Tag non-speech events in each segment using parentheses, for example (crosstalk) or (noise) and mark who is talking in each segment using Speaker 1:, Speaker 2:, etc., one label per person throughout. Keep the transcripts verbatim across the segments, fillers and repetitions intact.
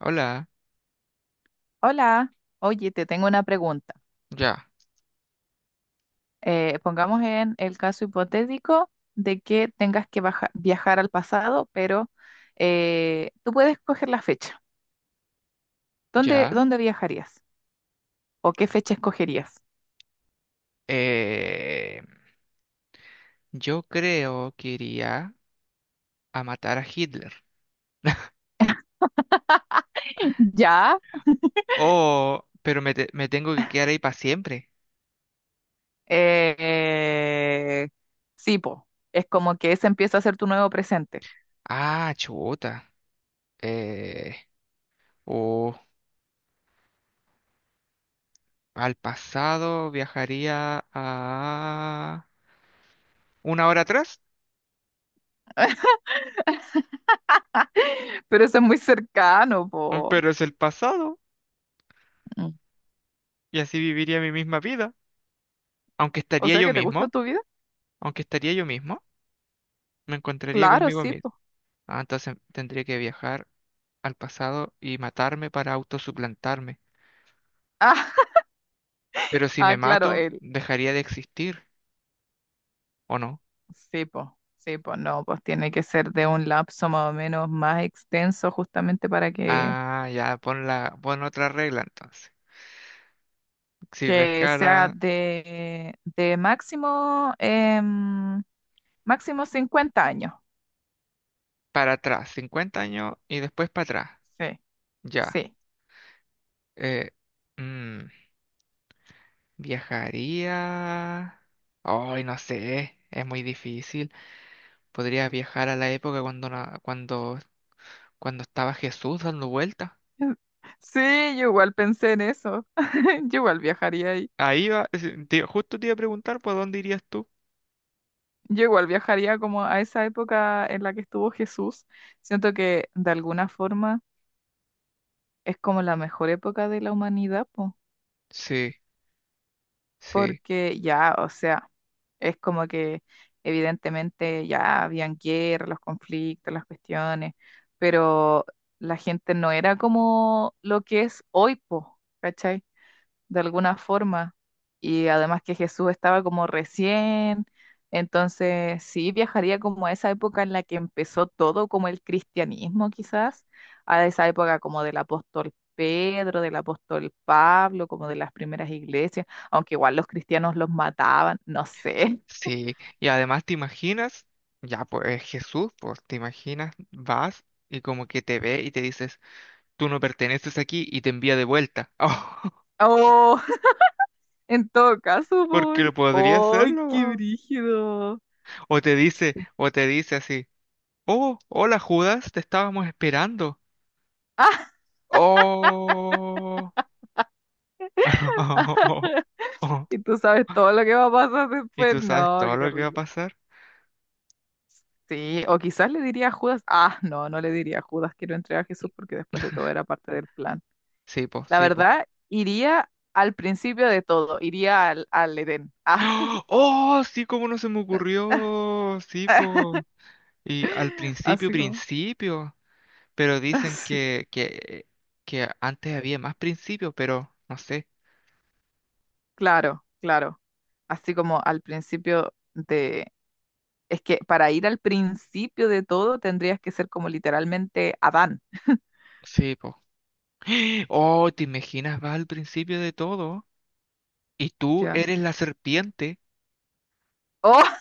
Speaker 1: Hola,
Speaker 2: Hola, oye, te tengo una pregunta.
Speaker 1: ya,
Speaker 2: Eh, pongamos en el caso hipotético de que tengas que baja- viajar al pasado, pero eh, tú puedes escoger la fecha. ¿Dónde,
Speaker 1: ya.
Speaker 2: dónde viajarías? ¿O qué fecha escogerías?
Speaker 1: Eh, yo creo que iría a matar a Hitler.
Speaker 2: (laughs) Ya,
Speaker 1: Oh, pero me, te- me tengo que quedar ahí para siempre.
Speaker 2: eh, sí, po. Es como que ese empieza a ser tu nuevo presente.
Speaker 1: Ah, chuta. Eh, o al pasado viajaría a una hora atrás.
Speaker 2: (laughs) Pero eso es muy cercano,
Speaker 1: Mm,
Speaker 2: po.
Speaker 1: pero es el pasado
Speaker 2: Mm.
Speaker 1: y así viviría mi misma vida. Aunque
Speaker 2: O
Speaker 1: estaría
Speaker 2: sea,
Speaker 1: yo
Speaker 2: que te gusta
Speaker 1: mismo,
Speaker 2: tu vida.
Speaker 1: aunque estaría yo mismo, me encontraría
Speaker 2: Claro,
Speaker 1: conmigo.
Speaker 2: sí, po.
Speaker 1: Ah, entonces tendría que viajar al pasado y matarme para autosuplantarme.
Speaker 2: (laughs) Ah,
Speaker 1: Pero si me
Speaker 2: ah, claro,
Speaker 1: mato, dejaría de existir, ¿o no?
Speaker 2: sí, pues, sí, pues no, pues tiene que ser de un lapso más o menos más extenso justamente para que,
Speaker 1: Ah, ya, pon la, pon otra regla entonces. Si
Speaker 2: que sea
Speaker 1: viajara
Speaker 2: de, de máximo, em, máximo cincuenta años.
Speaker 1: para atrás, cincuenta años y después para atrás.
Speaker 2: Sí,
Speaker 1: Ya.
Speaker 2: sí.
Speaker 1: Eh, mm, viajaría. Ay, no sé, es muy difícil. Podría viajar a la época cuando, na- cuando, cuando estaba Jesús dando vueltas.
Speaker 2: (laughs) Sí, yo igual pensé en eso. (laughs) Yo igual viajaría ahí.
Speaker 1: Ahí va, es- te- justo te iba a preguntar, pues, ¿dónde irías tú?
Speaker 2: Yo igual viajaría como a esa época en la que estuvo Jesús. Siento que de alguna forma es como la mejor época de la humanidad, pues.
Speaker 1: Sí, sí,
Speaker 2: Porque ya, o sea, es como que evidentemente ya habían guerra, los conflictos, las cuestiones, pero la gente no era como lo que es hoy, po, ¿cachai? De alguna forma. Y además que Jesús estaba como recién, entonces sí viajaría como a esa época en la que empezó todo, como el cristianismo quizás, a esa época como del apóstol Pedro, del apóstol Pablo, como de las primeras iglesias, aunque igual los cristianos los mataban, no sé.
Speaker 1: sí. Y además te imaginas, ya pues es Jesús, pues te imaginas, vas y como que te ve y te dices, tú no perteneces aquí y te envía de vuelta. (laughs) Oh,
Speaker 2: Oh, (laughs) en todo caso,
Speaker 1: porque
Speaker 2: por...
Speaker 1: lo podría
Speaker 2: ¡Ay,
Speaker 1: hacerlo,
Speaker 2: qué
Speaker 1: weón.
Speaker 2: brígido!
Speaker 1: O te dice, o te dice así, oh, hola Judas, te estábamos esperando. Oh.
Speaker 2: (laughs)
Speaker 1: (laughs)
Speaker 2: Y tú sabes todo lo que va a pasar
Speaker 1: Y
Speaker 2: después.
Speaker 1: tú sabes
Speaker 2: No,
Speaker 1: todo
Speaker 2: qué
Speaker 1: lo que va a
Speaker 2: horrible.
Speaker 1: pasar.
Speaker 2: Sí, o quizás le diría a Judas, ah, no, no le diría a Judas que lo entregue a Jesús porque después de todo era parte del plan.
Speaker 1: Sí, pues,
Speaker 2: La
Speaker 1: sí, po.
Speaker 2: verdad, iría al principio de todo, iría al, al Edén. Ah,
Speaker 1: Oh, ¡oh! Sí, cómo no se me
Speaker 2: (laughs)
Speaker 1: ocurrió. Sí, po. Y al principio,
Speaker 2: así como,
Speaker 1: principio. Pero dicen
Speaker 2: así,
Speaker 1: que, que, que antes había más principios, pero no sé.
Speaker 2: claro, claro. Así como al principio de, es que para ir al principio de todo tendrías que ser como literalmente Adán,
Speaker 1: Sí, po. (gasps) Oh, ¿te imaginas? Vas al principio de todo y tú
Speaker 2: ¿ya?
Speaker 1: eres la serpiente.
Speaker 2: Oh,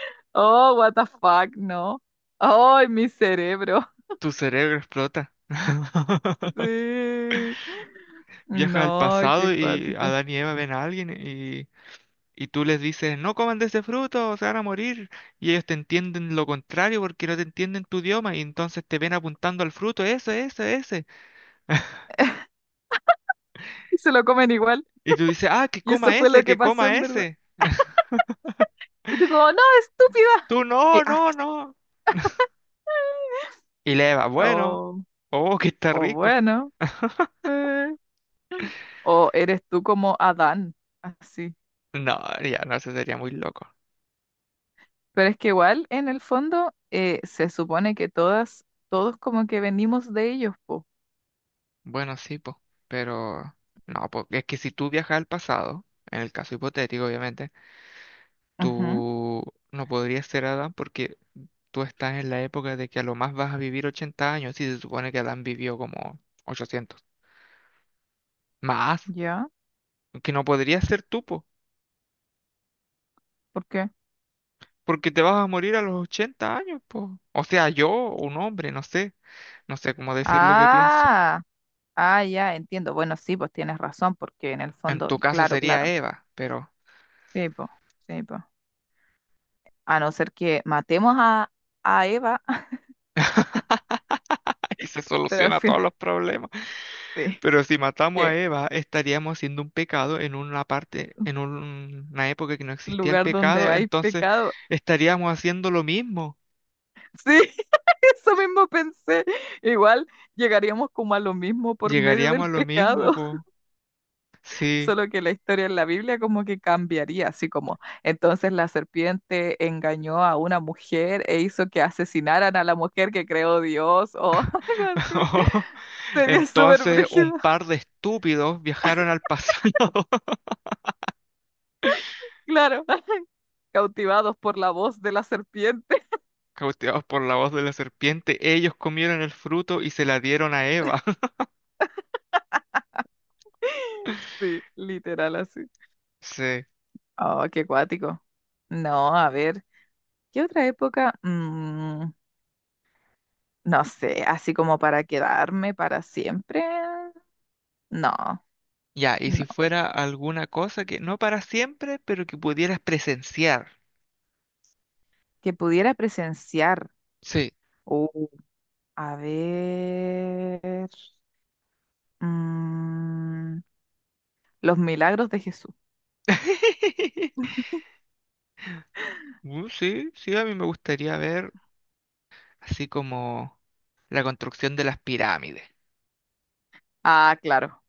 Speaker 2: (laughs) oh, what the fuck, no. Ay, mi cerebro.
Speaker 1: Tu cerebro explota. (laughs)
Speaker 2: Sí.
Speaker 1: Viajas al
Speaker 2: No, qué
Speaker 1: pasado y
Speaker 2: acuático.
Speaker 1: Adán y Eva ven a alguien. y Y tú les dices, no coman de ese fruto, se van a morir. Y ellos te entienden lo contrario porque no te entienden tu idioma. Y entonces te ven apuntando al fruto, ese, ese, ese.
Speaker 2: Y se lo comen igual.
Speaker 1: Y tú dices, ah, que
Speaker 2: Y eso
Speaker 1: coma
Speaker 2: fue lo
Speaker 1: ese,
Speaker 2: que
Speaker 1: que
Speaker 2: pasó
Speaker 1: coma
Speaker 2: en verdad.
Speaker 1: ese.
Speaker 2: Y tú como, no, estúpida.
Speaker 1: Tú,
Speaker 2: Y,
Speaker 1: no,
Speaker 2: ah,
Speaker 1: no, no. Y le va, bueno,
Speaker 2: o,
Speaker 1: oh, que está
Speaker 2: o
Speaker 1: rico.
Speaker 2: bueno. eh, O eres tú como Adán, así.
Speaker 1: No, ya, no, eso sería muy loco.
Speaker 2: Pero es que igual, en el fondo, eh, se supone que todas, todos como que venimos de ellos, po.
Speaker 1: Bueno, sí, pues, pero no, porque es que si tú viajas al pasado, en el caso hipotético, obviamente,
Speaker 2: Ujú,
Speaker 1: tú no podrías ser Adán porque tú estás en la época de que a lo más vas a vivir ochenta años y se supone que Adán vivió como ochocientos. Más,
Speaker 2: ¿ya?
Speaker 1: que no podrías ser tú, po,
Speaker 2: ¿Por qué?
Speaker 1: porque te vas a morir a los ochenta años, po. O sea, yo, un hombre, no sé, no sé cómo decir lo que pienso.
Speaker 2: Ah, ah, ya, entiendo. Bueno, sí, pues tienes razón, porque en el
Speaker 1: En
Speaker 2: fondo,
Speaker 1: tu caso
Speaker 2: claro,
Speaker 1: sería
Speaker 2: claro.
Speaker 1: Eva, pero
Speaker 2: Sí, po, sí, po. A no ser que matemos a, a Eva, (laughs)
Speaker 1: (laughs) aquí se
Speaker 2: pero al
Speaker 1: soluciona todos
Speaker 2: final
Speaker 1: los problemas.
Speaker 2: sí,
Speaker 1: Pero si matamos a
Speaker 2: que
Speaker 1: Eva, estaríamos haciendo un pecado en una parte, en un- una época que no existía el
Speaker 2: lugar donde
Speaker 1: pecado,
Speaker 2: hay
Speaker 1: entonces
Speaker 2: pecado.
Speaker 1: estaríamos haciendo lo mismo.
Speaker 2: Sí, (laughs) eso mismo pensé. Igual llegaríamos como a lo mismo por medio
Speaker 1: Llegaríamos
Speaker 2: del
Speaker 1: a lo mismo,
Speaker 2: pecado, (laughs)
Speaker 1: po. Sí.
Speaker 2: solo que la historia en la Biblia como que cambiaría, así como entonces la serpiente engañó a una mujer e hizo que asesinaran a la mujer que creó Dios o (laughs) algo así.
Speaker 1: (laughs)
Speaker 2: Sería súper
Speaker 1: Entonces, un
Speaker 2: brígido,
Speaker 1: par de estúpidos viajaron al pasado, (laughs)
Speaker 2: claro, (laughs) cautivados por la voz de la serpiente. (laughs)
Speaker 1: cautivados por la voz de la serpiente. Ellos comieron el fruto y se la dieron a Eva. (laughs)
Speaker 2: Sí, literal así.
Speaker 1: Sí.
Speaker 2: Oh, qué cuático. No, a ver, ¿qué otra época? Mm, no sé, así como para quedarme para siempre. No,
Speaker 1: Ya, y si
Speaker 2: no.
Speaker 1: fuera alguna cosa que no para siempre, pero que pudieras presenciar.
Speaker 2: Que pudiera presenciar.
Speaker 1: Sí.
Speaker 2: Uh, a ver. mm, los milagros de Jesús.
Speaker 1: (laughs) Uh, sí, sí, a mí me gustaría ver así como la construcción de las pirámides,
Speaker 2: Ah, claro.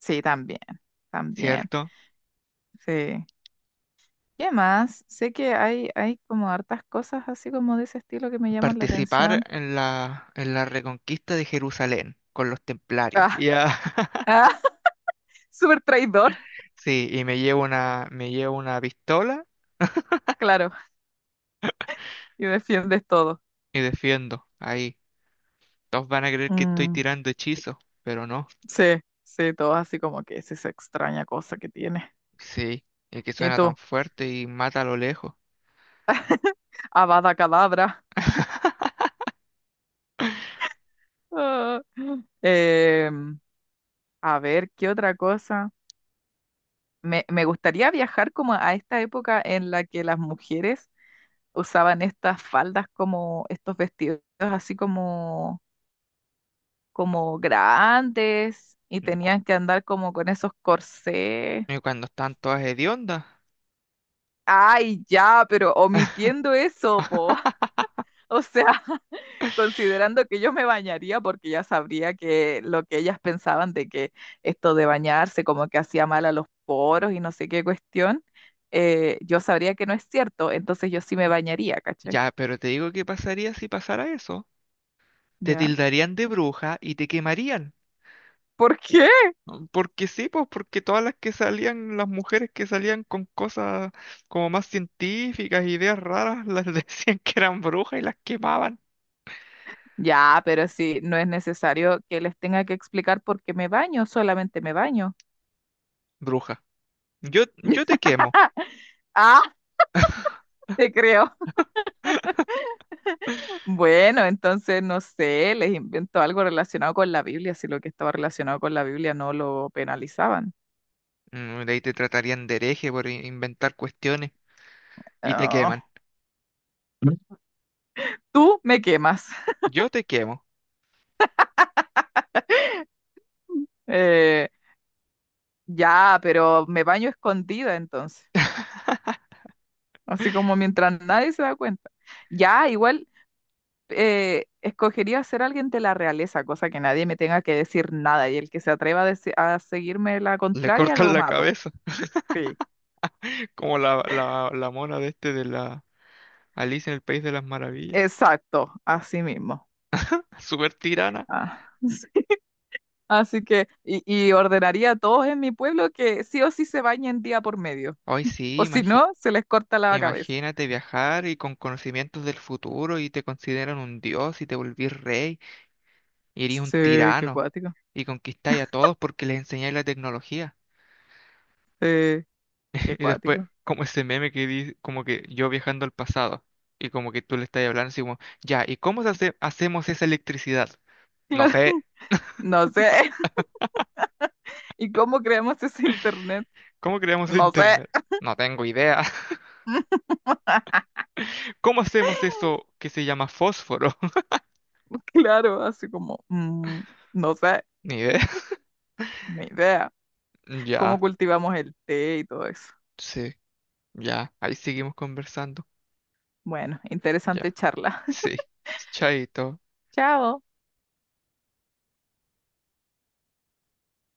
Speaker 2: Sí, también. También.
Speaker 1: ¿cierto?
Speaker 2: Sí. ¿Qué más? Sé que hay, hay como hartas cosas así como de ese estilo que me llaman la
Speaker 1: Participar
Speaker 2: atención.
Speaker 1: en la, en la reconquista de Jerusalén con los templarios.
Speaker 2: Ah,
Speaker 1: Ya.
Speaker 2: (laughs)
Speaker 1: (laughs)
Speaker 2: ah, súper traidor.
Speaker 1: Sí, y me llevo una, me llevo una pistola
Speaker 2: Claro. Y defiendes todo.
Speaker 1: y defiendo. Ahí. Todos van a creer que estoy
Speaker 2: Mm,
Speaker 1: tirando hechizos, pero no.
Speaker 2: sí, sí, todo así como que es esa extraña cosa que tiene.
Speaker 1: Sí, y que
Speaker 2: Y
Speaker 1: suena tan
Speaker 2: tú,
Speaker 1: fuerte y mata a lo lejos.
Speaker 2: Avada Kedavra.
Speaker 1: (laughs)
Speaker 2: Ah. Em, a ver, ¿qué otra cosa? Me, me gustaría viajar como a esta época en la que las mujeres usaban estas faldas como estos vestidos así como, como grandes y
Speaker 1: Y cu-
Speaker 2: tenían que andar como con esos corsés.
Speaker 1: y cuando están todas hediondas.
Speaker 2: Ay, ya, pero omitiendo eso, po. (laughs)
Speaker 1: (laughs)
Speaker 2: O sea, considerando que yo me bañaría porque ya sabría que lo que ellas pensaban de que esto de bañarse como que hacía mal a los poros y no sé qué cuestión, eh, yo sabría que no es cierto, entonces yo sí me bañaría, ¿cachai?
Speaker 1: Ya, pero te digo qué pasaría si pasara eso. Te
Speaker 2: ¿Ya?
Speaker 1: tildarían de bruja y te quemarían.
Speaker 2: ¿Por qué?
Speaker 1: ¿No? Porque sí, pues porque todas las que salían, las mujeres que salían con cosas como más científicas, ideas raras, las (laughs) decían que eran brujas y las quemaban.
Speaker 2: Ya, pero sí, no es necesario que les tenga que explicar por qué me baño, solamente me baño.
Speaker 1: Bruja. Yo, yo te
Speaker 2: (laughs)
Speaker 1: quemo.
Speaker 2: Ah, te creo.
Speaker 1: (laughs)
Speaker 2: Bueno, entonces no sé, les invento algo relacionado con la Biblia, si lo que estaba relacionado con la Biblia no lo penalizaban.
Speaker 1: Mm, de ahí te tratarían de hereje por in- inventar cuestiones y te queman.
Speaker 2: Ah. Tú me quemas.
Speaker 1: Yo te quemo.
Speaker 2: Eh, ya, pero me baño escondida entonces. Así como mientras nadie se da cuenta. Ya, igual eh, escogería ser alguien de la realeza, cosa que nadie me tenga que decir nada. Y el que se atreva a, deci- a seguirme la
Speaker 1: Le
Speaker 2: contraria
Speaker 1: cortan
Speaker 2: lo
Speaker 1: la
Speaker 2: mato.
Speaker 1: cabeza,
Speaker 2: Sí.
Speaker 1: (laughs) como la, la, la mona de este de la Alicia en el País de las Maravillas.
Speaker 2: Exacto, así mismo.
Speaker 1: Súper tirana.
Speaker 2: Ah, (laughs) sí. Así que, y, y ordenaría a todos en mi pueblo que sí o sí se bañen día por medio.
Speaker 1: Ay,
Speaker 2: O
Speaker 1: sí,
Speaker 2: si no, se les corta la cabeza.
Speaker 1: imagínate viajar y con conocimientos del futuro y te consideran un dios y te volvís rey y eres un
Speaker 2: Sí, qué
Speaker 1: tirano
Speaker 2: cuático.
Speaker 1: y conquistáis a todos porque les enseñáis la tecnología.
Speaker 2: Sí,
Speaker 1: (laughs)
Speaker 2: qué
Speaker 1: Y después,
Speaker 2: cuático.
Speaker 1: como ese meme que dice, como que yo viajando al pasado y como que tú le estás hablando así como, ya, ¿y cómo se hace- hacemos esa electricidad? No
Speaker 2: Claro,
Speaker 1: sé,
Speaker 2: no sé. (laughs) ¿Y cómo creamos ese internet?
Speaker 1: ¿cómo creamos el
Speaker 2: No sé.
Speaker 1: internet? No tengo idea. (laughs)
Speaker 2: (laughs)
Speaker 1: ¿Cómo hacemos eso que se llama fósforo? (laughs)
Speaker 2: Claro, así como, mm, no sé,
Speaker 1: Ni idea. (laughs)
Speaker 2: ni idea. ¿Cómo
Speaker 1: Ya,
Speaker 2: cultivamos el té y todo eso?
Speaker 1: sí, ya, ahí seguimos conversando.
Speaker 2: Bueno, interesante
Speaker 1: Ya.
Speaker 2: charla.
Speaker 1: Sí, chaito.
Speaker 2: Chao.